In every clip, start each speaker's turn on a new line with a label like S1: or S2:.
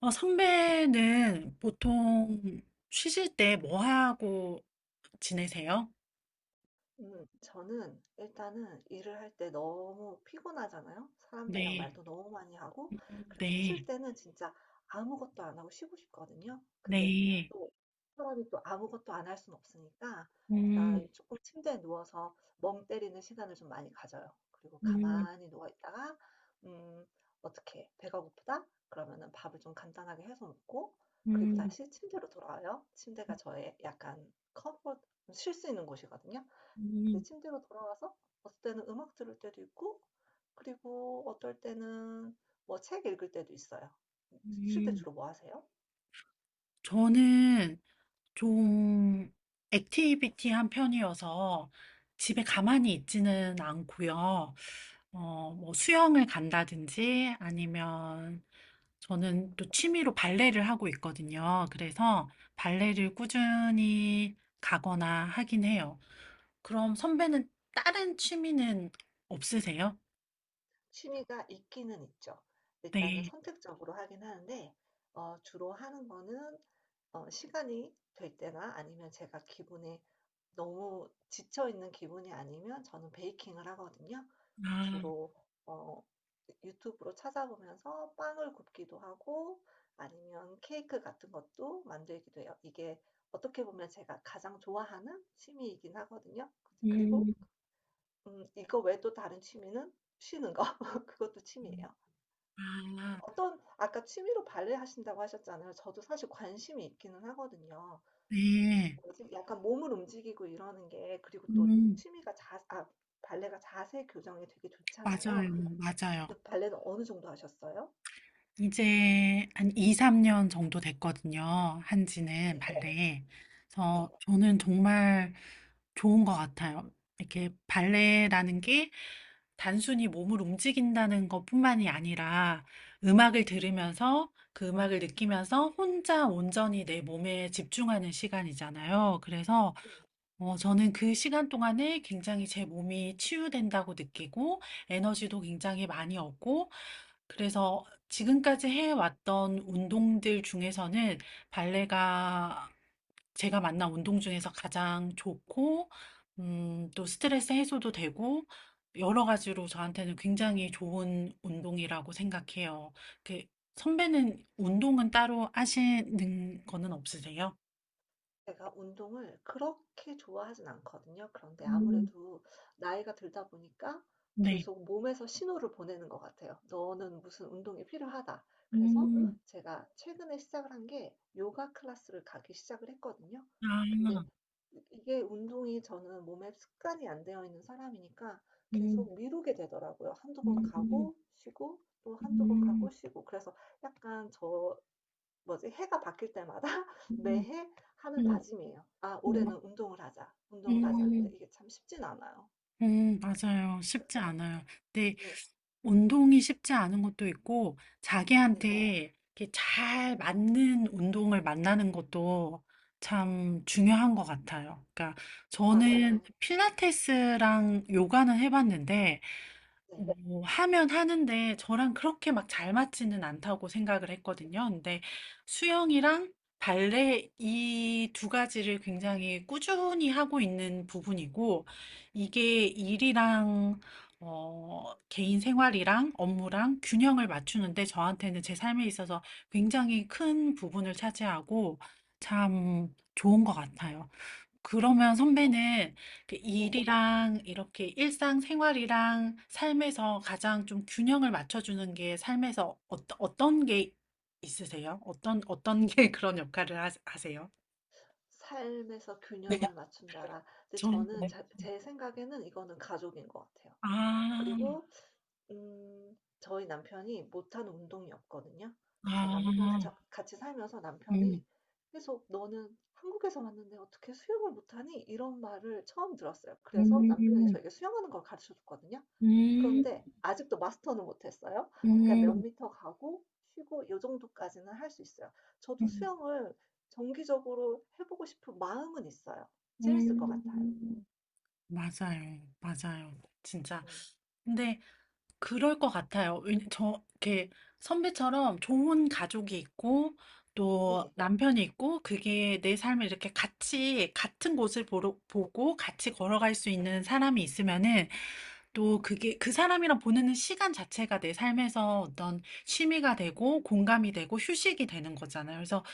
S1: 선배는 보통 쉬실 때 뭐 하고 지내세요?
S2: 저는 일단은 일을 할 때 너무 피곤하잖아요. 사람들이랑
S1: 네,
S2: 말도 너무 많이 하고 그래서
S1: 네,
S2: 쉴 때는 진짜 아무것도 안 하고 쉬고 싶거든요. 근데
S1: 네.
S2: 또 사람이 또 아무것도 안 할 수는 없으니까
S1: 음,
S2: 일단 조금 침대에 누워서 멍 때리는 시간을 좀 많이 가져요. 그리고
S1: 음,
S2: 가만히 누워 있다가 음 어떻게 배가 고프다? 그러면은 밥을 좀 간단하게 해서 먹고 그리고
S1: 음,
S2: 다시 침대로 돌아와요. 침대가 저의 약간 컴포트 쉴 수 있는 곳이거든요. 그
S1: 음,
S2: 침대로 돌아와서 어떨 때는 음악 들을 때도 있고 그리고 어떨 때는 뭐 책 읽을 때도 있어요. 쉴 때
S1: 음.
S2: 주로 뭐 하세요?
S1: 저는 좀 액티비티한 편이어서 집에 가만히 있지는 않고요. 뭐 수영을 간다든지 아니면 저는 또 취미로 발레를 하고 있거든요. 그래서 발레를 꾸준히 가거나 하긴 해요. 그럼 선배는 다른 취미는 없으세요?
S2: 취미가 있기는 있죠. 일단은
S1: 네.
S2: 선택적으로 하긴 하는데 주로 하는 거는 시간이 될 때나 아니면 제가 기분에 너무 지쳐 있는 기분이 아니면 저는 베이킹을 하거든요. 그러니까
S1: 아,
S2: 주로 어 유튜브로 찾아보면서 빵을 굽기도 하고 아니면 케이크 같은 것도 만들기도 해요. 이게 어떻게 보면 제가 가장 좋아하는 취미이긴 하거든요. 그리고
S1: 음,
S2: 이거 외에 또 다른 취미는 쉬는 거 그것도 취미예요.
S1: 아,
S2: 어떤 아까 취미로 발레 하신다고 하셨잖아요. 저도 사실 관심이 있기는 하거든요.
S1: 네.
S2: 지 약간 몸을 움직이고 이러는 게 그리고 또
S1: 음,
S2: 취미가 발레가 자세 교정에 되게
S1: 맞아요.
S2: 좋잖아요.
S1: 맞아요.
S2: 근데 발레는 어느 정도 하셨어요?
S1: 이제 한 2, 3년 정도 됐거든요. 한지는
S2: 네,
S1: 발레.
S2: 네,
S1: 그래서 저는 정말 좋은 것 같아요. 이렇게 발레라는 게 단순히 몸을 움직인다는 것뿐만이 아니라 음악을 들으면서 그 음악을 느끼면서 혼자 온전히 내 몸에 집중하는 시간이잖아요. 그래서
S2: 네.
S1: 저는 그 시간 동안에 굉장히 제 몸이 치유된다고 느끼고 에너지도 굉장히 많이 얻고, 그래서 지금까지 해왔던 운동들 중에서는 발레가 제가 만난 운동 중에서 가장 좋고, 또 스트레스 해소도 되고 여러 가지로 저한테는 굉장히 좋은 운동이라고 생각해요. 그 선배는 운동은 따로 하시는 거는 없으세요?
S2: 제가 운동을 그렇게 좋아하진 않거든요. 그런데
S1: 음.
S2: 아무래도 나이가 들다 보니까
S1: 네.
S2: 계속 몸에서 신호를 보내는 것 같아요. "너는 무슨 운동이 필요하다." 그래서
S1: 음.
S2: 제가 최근에 시작을 한게 요가 클래스를 가기 시작을 했거든요.
S1: 아.
S2: 근데 이 이게 운동이 저는 몸에 습관이 안 되어 있는 사람이니까
S1: 음.
S2: 계속 미루게 되더라고요. 한두 번
S1: 음. 음.
S2: 가고 쉬고 또 한두 번
S1: 음.
S2: 가고 쉬고. 그래서 약간 뭐지? 해가 바뀔 때마다
S1: 음.
S2: 매해 하는 다짐이에요. '아 올해는 운동을 하자. 운동을
S1: 음.
S2: 하자.' 근데
S1: 음.
S2: 이게 참 쉽진 않아요.
S1: 음. 맞아요.
S2: 그
S1: 쉽지 않아요. 근데
S2: 네.
S1: 운동이 쉽지 않은 것도 있고
S2: 네.
S1: 자기한테 이렇게 잘 맞는 운동을 만나는 것도 참 중요한 것 같아요. 그러니까 저는
S2: 맞아요. 네.
S1: 필라테스랑 요가는 해봤는데
S2: 네.
S1: 뭐 하면 하는데 저랑 그렇게 막 잘 맞지는 않다고 생각을 했거든요. 근데 수영이랑 발레 이 두 가지를 굉장히 꾸준히 하고 있는 부분이고, 이게 일이랑 개인 생활이랑 업무랑 균형을 맞추는데 저한테는 제 삶에 있어서 굉장히 큰 부분을 차지하고 참 좋은 것 같아요. 그러면 선배는 그
S2: 네.
S1: 일이랑 이렇게 일상생활이랑 삶에서 가장 좀 균형을 맞춰주는 게 삶에서 어떤 게 있으세요? 어떤 게 그런 역할을 하세요?
S2: '삶에서
S1: 네.
S2: 균형을 맞춘다라.' 근데
S1: 저는
S2: 저는
S1: 네.
S2: 자 제 생각에는 이거는 가족인 것 같아요.
S1: 아,
S2: 그리고 저희 남편이 못하는 운동이 없거든요. 그래서 남편
S1: 아,
S2: 저 같이 살면서 남편이
S1: 음,
S2: 계속 "너는 한국에서 왔는데 어떻게 수영을 못하니?" 이런 말을 처음 들었어요. 그래서 남편이
S1: 음,
S2: 저에게 수영하는 걸 가르쳐 줬거든요.
S1: 음,
S2: 그런데 아직도 마스터는 못했어요. 그러니까 몇
S1: 음,
S2: 미터 가고 쉬고 요 정도까지는 할 수 있어요. 저도
S1: 음,
S2: 수영을 정기적으로 해 보고 싶은 마음은 있어요. 재밌을 것 같아요.
S1: 음. 맞아요, 맞아요. 진짜.
S2: 음
S1: 근데 그럴 것 같아요. 왜냐 저 이렇게 선배처럼 좋은 가족이 있고 또
S2: 네.
S1: 남편이 있고, 그게 내 삶을 이렇게 같이 같은 곳을 보고 같이 걸어갈 수 있는 사람이 있으면은 또 그게 그 사람이랑 보내는 시간 자체가 내 삶에서 어떤 취미가 되고 공감이 되고 휴식이 되는 거잖아요. 그래서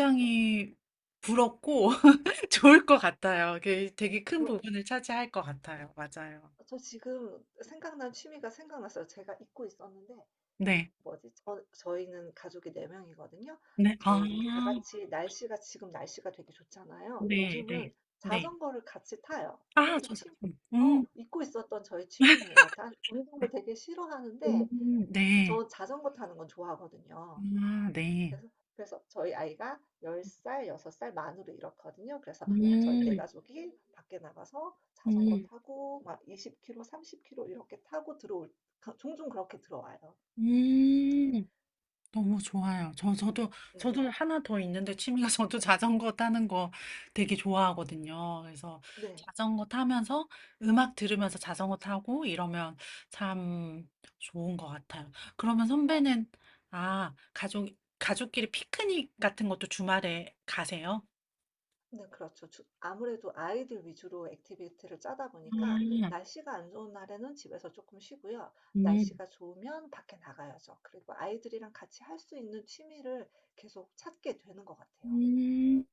S2: 네.
S1: 부럽고 좋을 것 같아요. 그게 되게 큰
S2: 저
S1: 부분을 차지할 것 같아요. 맞아요.
S2: 저 지금 생각난 취미가 생각났어요. 제가 잊고 있었는데
S1: 네.
S2: 뭐지? 저희는 가족이 4 명이거든요.
S1: 네. 아.
S2: 저희 다 같이 날씨가 지금 날씨가 되게 좋잖아요.
S1: 네, 네,
S2: 요즘은
S1: 네.
S2: 자전거를 같이 타요.
S1: 아,
S2: 이것도
S1: 저 잘,
S2: 취
S1: 음,
S2: 어 잊고 있었던 저의 취미네요. 난 운동을
S1: 네.
S2: 되게 싫어하는데
S1: 네.
S2: 저 자전거 타는 건 좋아하거든요.
S1: 아, 네.
S2: 그래서 그래서 저희 아이가 10살, 6살 만으로 이렇거든요. 그래서 저희 네
S1: 음,
S2: 가족이 밖에 나가서 자전거
S1: 음,
S2: 타고 막 20km, 30km 이렇게 타고 들어올 종종 그렇게 들어와요.
S1: 음. 너무 좋아요. 저, 저도,
S2: 네.
S1: 저도 하나 더 있는데 취미가 저도 자전거 타는 거 되게 좋아하거든요. 그래서
S2: 네.
S1: 자전거 타면서 음악 들으면서 자전거 타고 이러면 참 좋은 것 같아요. 그러면 선배는, 아, 가족끼리 피크닉 같은 것도 주말에 가세요?
S2: 네, 그렇죠. 아무래도 아이들 위주로 액티비티를 짜다 보니까 날씨가 안 좋은 날에는 집에서 조금 쉬고요.
S1: 음.
S2: 날씨가 좋으면 밖에 나가야죠. 그리고 아이들이랑 같이 할 수 있는 취미를 계속 찾게 되는 것 같아요.
S1: 음,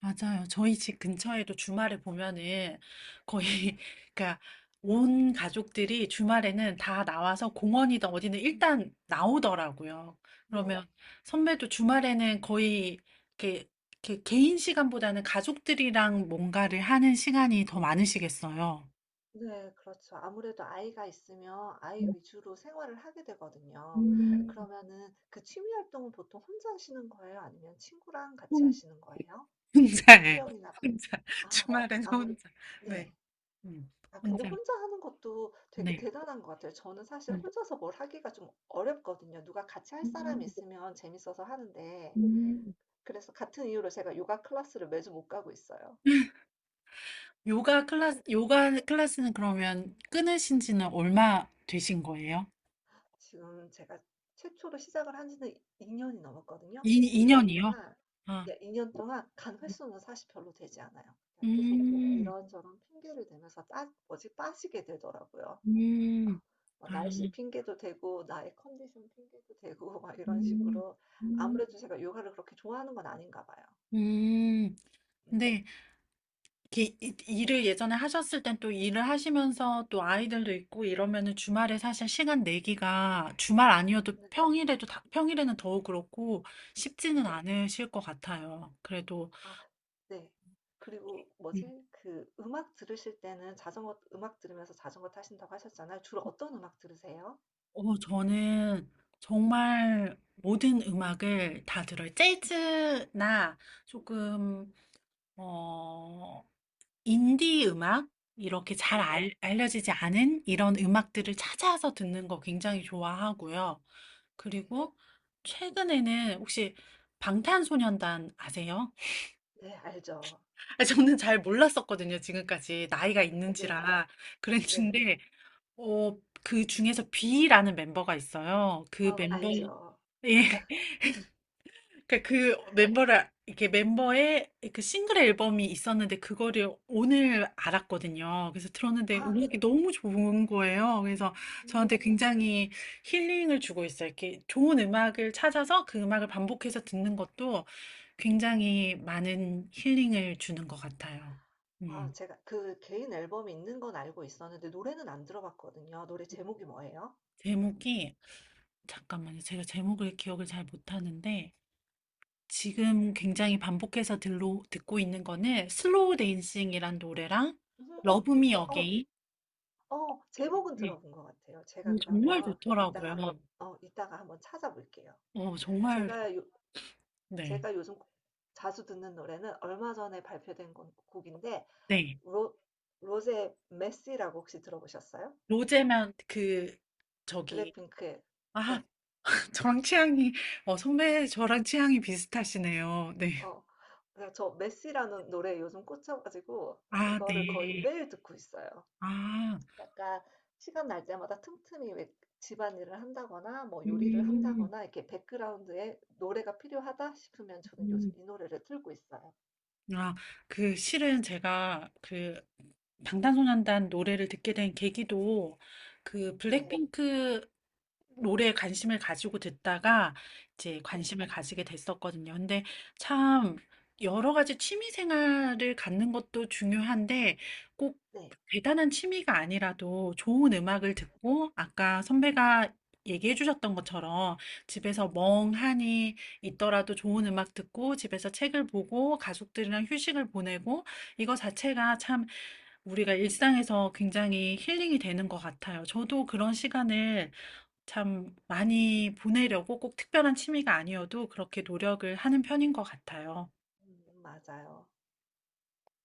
S1: 맞아요. 저희 집 근처에도 주말에 보면은 거의, 그러니까 온 가족들이 주말에는 다 나와서 공원이든 어디든 일단 나오더라고요.
S2: 네.
S1: 그러면 선배도 주말에는 거의 이렇게, 이렇게 개인 시간보다는 가족들이랑 뭔가를 하는 시간이 더 많으시겠어요.
S2: 네 그렇죠. 아무래도 아이가 있으면 아이 위주로 생활을 하게 되거든요.
S1: 음,
S2: 그러면은 그 취미 활동은 보통 혼자 하시는 거예요? 아니면 친구랑 같이
S1: 혼-
S2: 하시는 거예요?
S1: 혼자예요.
S2: 수영이나 혼자요. 뭐
S1: 혼자.
S2: 아
S1: 주말엔
S2: 아무래
S1: 혼자. 네.
S2: 네.
S1: 음,
S2: 아 근데
S1: 혼자.
S2: 혼자 하는 것도 되게
S1: 네.
S2: 대단한 것 같아요. 저는 사실
S1: 음.
S2: 혼자서 뭘 하기가 좀 어렵거든요. 누가 같이 할 사람이 있으면 재밌어서 하는데
S1: 음.
S2: 그래서 같은 이유로 제가 요가 클래스를 매주 못 가고 있어요.
S1: 요가 클래스, 요가 클래스는 그러면 끊으신 지는 얼마 되신 거예요?
S2: 지금 제가 최초로 시작을 한 지는 2 년이 넘었거든요.
S1: 이,
S2: 근데 2년
S1: 2년이요?
S2: 동안
S1: 아,
S2: 예 2 년 동안 간 횟수는 사실 별로 되지 않아요. 계속
S1: 음,
S2: 이런저런 핑계를 대면서 빠 뭐지 빠지게 되더라고요. 아
S1: 음,
S2: 뭐
S1: 아,
S2: 날씨 핑계도 되고 나의 컨디션 핑계도 되고 막 이런
S1: 음,
S2: 식으로
S1: 음,
S2: 아무래도 제가 요가를 그렇게 좋아하는 건 아닌가 봐요.
S1: 음.
S2: 음.
S1: 근데 이렇게 일을 예전에 하셨을 땐 또 일을 하시면서 또 아이들도 있고 이러면은 주말에 사실 시간 내기가, 주말 아니어도
S2: 네
S1: 평일에도 평일에는 더욱 그렇고
S2: 네.
S1: 쉽지는 않으실 것 같아요. 그래도
S2: 아 네. 그리고 뭐지 그 음악 들으실 때는 자전거 음악 들으면서 자전거 타신다고 하셨잖아요. 주로 어떤 음악 들으세요?
S1: 저는 정말 모든 음악을 다 들어요. 재즈나 조금, 어, 인디 음악? 이렇게 잘
S2: 네.
S1: 알려지지 않은 이런 음악들을 찾아서 듣는 거 굉장히 좋아하고요.
S2: 네.
S1: 그리고 최근에는 혹시 방탄소년단 아세요?
S2: 네 알죠.
S1: 아, 저는 잘 몰랐었거든요, 지금까지. 나이가
S2: 네 네네.
S1: 있는지라.
S2: 네.
S1: 그랬는데, 어, 그 중에서 B라는 멤버가 있어요. 그
S2: 아
S1: 멤버, 예.
S2: 알죠.
S1: 그러니까 그 멤버를 이렇게 멤버의 그 싱글 앨범이 있었는데 그거를 오늘 알았거든요. 그래서 들었는데
S2: 아.
S1: 음악이 너무 좋은 거예요. 그래서 저한테
S2: 음.
S1: 굉장히 힐링을 주고 있어요. 이렇게 좋은 음악을 찾아서 그 음악을 반복해서 듣는 것도 굉장히 많은 힐링을 주는 것 같아요.
S2: 아
S1: 음.
S2: 제가 그 개인 앨범이 있는 건 알고 있었는데 노래는 안 들어봤거든요. 노래 제목이 뭐예요?
S1: 제목이 잠깐만요. 제가 제목을 기억을 잘 못하는데 지금 굉장히 반복해서 듣고 있는 거는 슬로우 댄싱이란 노래랑
S2: 음.
S1: 러브
S2: 음.
S1: 미 어게인
S2: 제목은
S1: 노래인데
S2: 들어본 것 같아요. 제가
S1: 정말
S2: 그러면 이따가
S1: 좋더라고요.
S2: 어 이따가 한번 찾아볼게요.
S1: 어, 정말
S2: 제가 요
S1: 네.
S2: 제가 요즘 자주 듣는 노래는 얼마 전에 발표된 건 곡인데
S1: 네.
S2: 로 로제 메시라고 혹시 들어보셨어요?
S1: 로제만 그 저기
S2: 블랙핑크의
S1: 아,
S2: 네.
S1: 저랑 취향이 선배 저랑 취향이 비슷하시네요. 네.
S2: 어. 그래서 저 메시라는 노래에 요즘 꽂혀 가지고
S1: 아,
S2: 그거를 거의
S1: 네.
S2: 매일 듣고 있어요.
S1: 아.
S2: 약간 시간 날 때마다 틈틈이 왜 집안일을 한다거나 뭐 요리를
S1: 음.
S2: 한다거나 이렇게 백그라운드에 노래가 필요하다 싶으면 저는
S1: 음.
S2: 요즘 이 노래를 틀고 있어요.
S1: 아, 그 실은 제가 그 방탄소년단 노래를 듣게 된 계기도 그
S2: 네.
S1: 블랙핑크 노래에 관심을 가지고 듣다가 이제
S2: 네.
S1: 관심을 가지게 됐었거든요. 근데 참 여러 가지 취미 생활을 갖는 것도 중요한데 꼭
S2: 네.
S1: 대단한 취미가 아니라도 좋은 음악을 듣고 아까 선배가 얘기해 주셨던 것처럼 집에서 멍하니 있더라도 좋은 음악 듣고 집에서 책을 보고 가족들이랑 휴식을 보내고 이거 자체가 참 우리가 일상에서 굉장히 힐링이 되는 것 같아요. 저도 그런 시간을 참 많이 보내려고 꼭 특별한 취미가 아니어도 그렇게 노력을 하는 편인 것 같아요.
S2: 맞아요.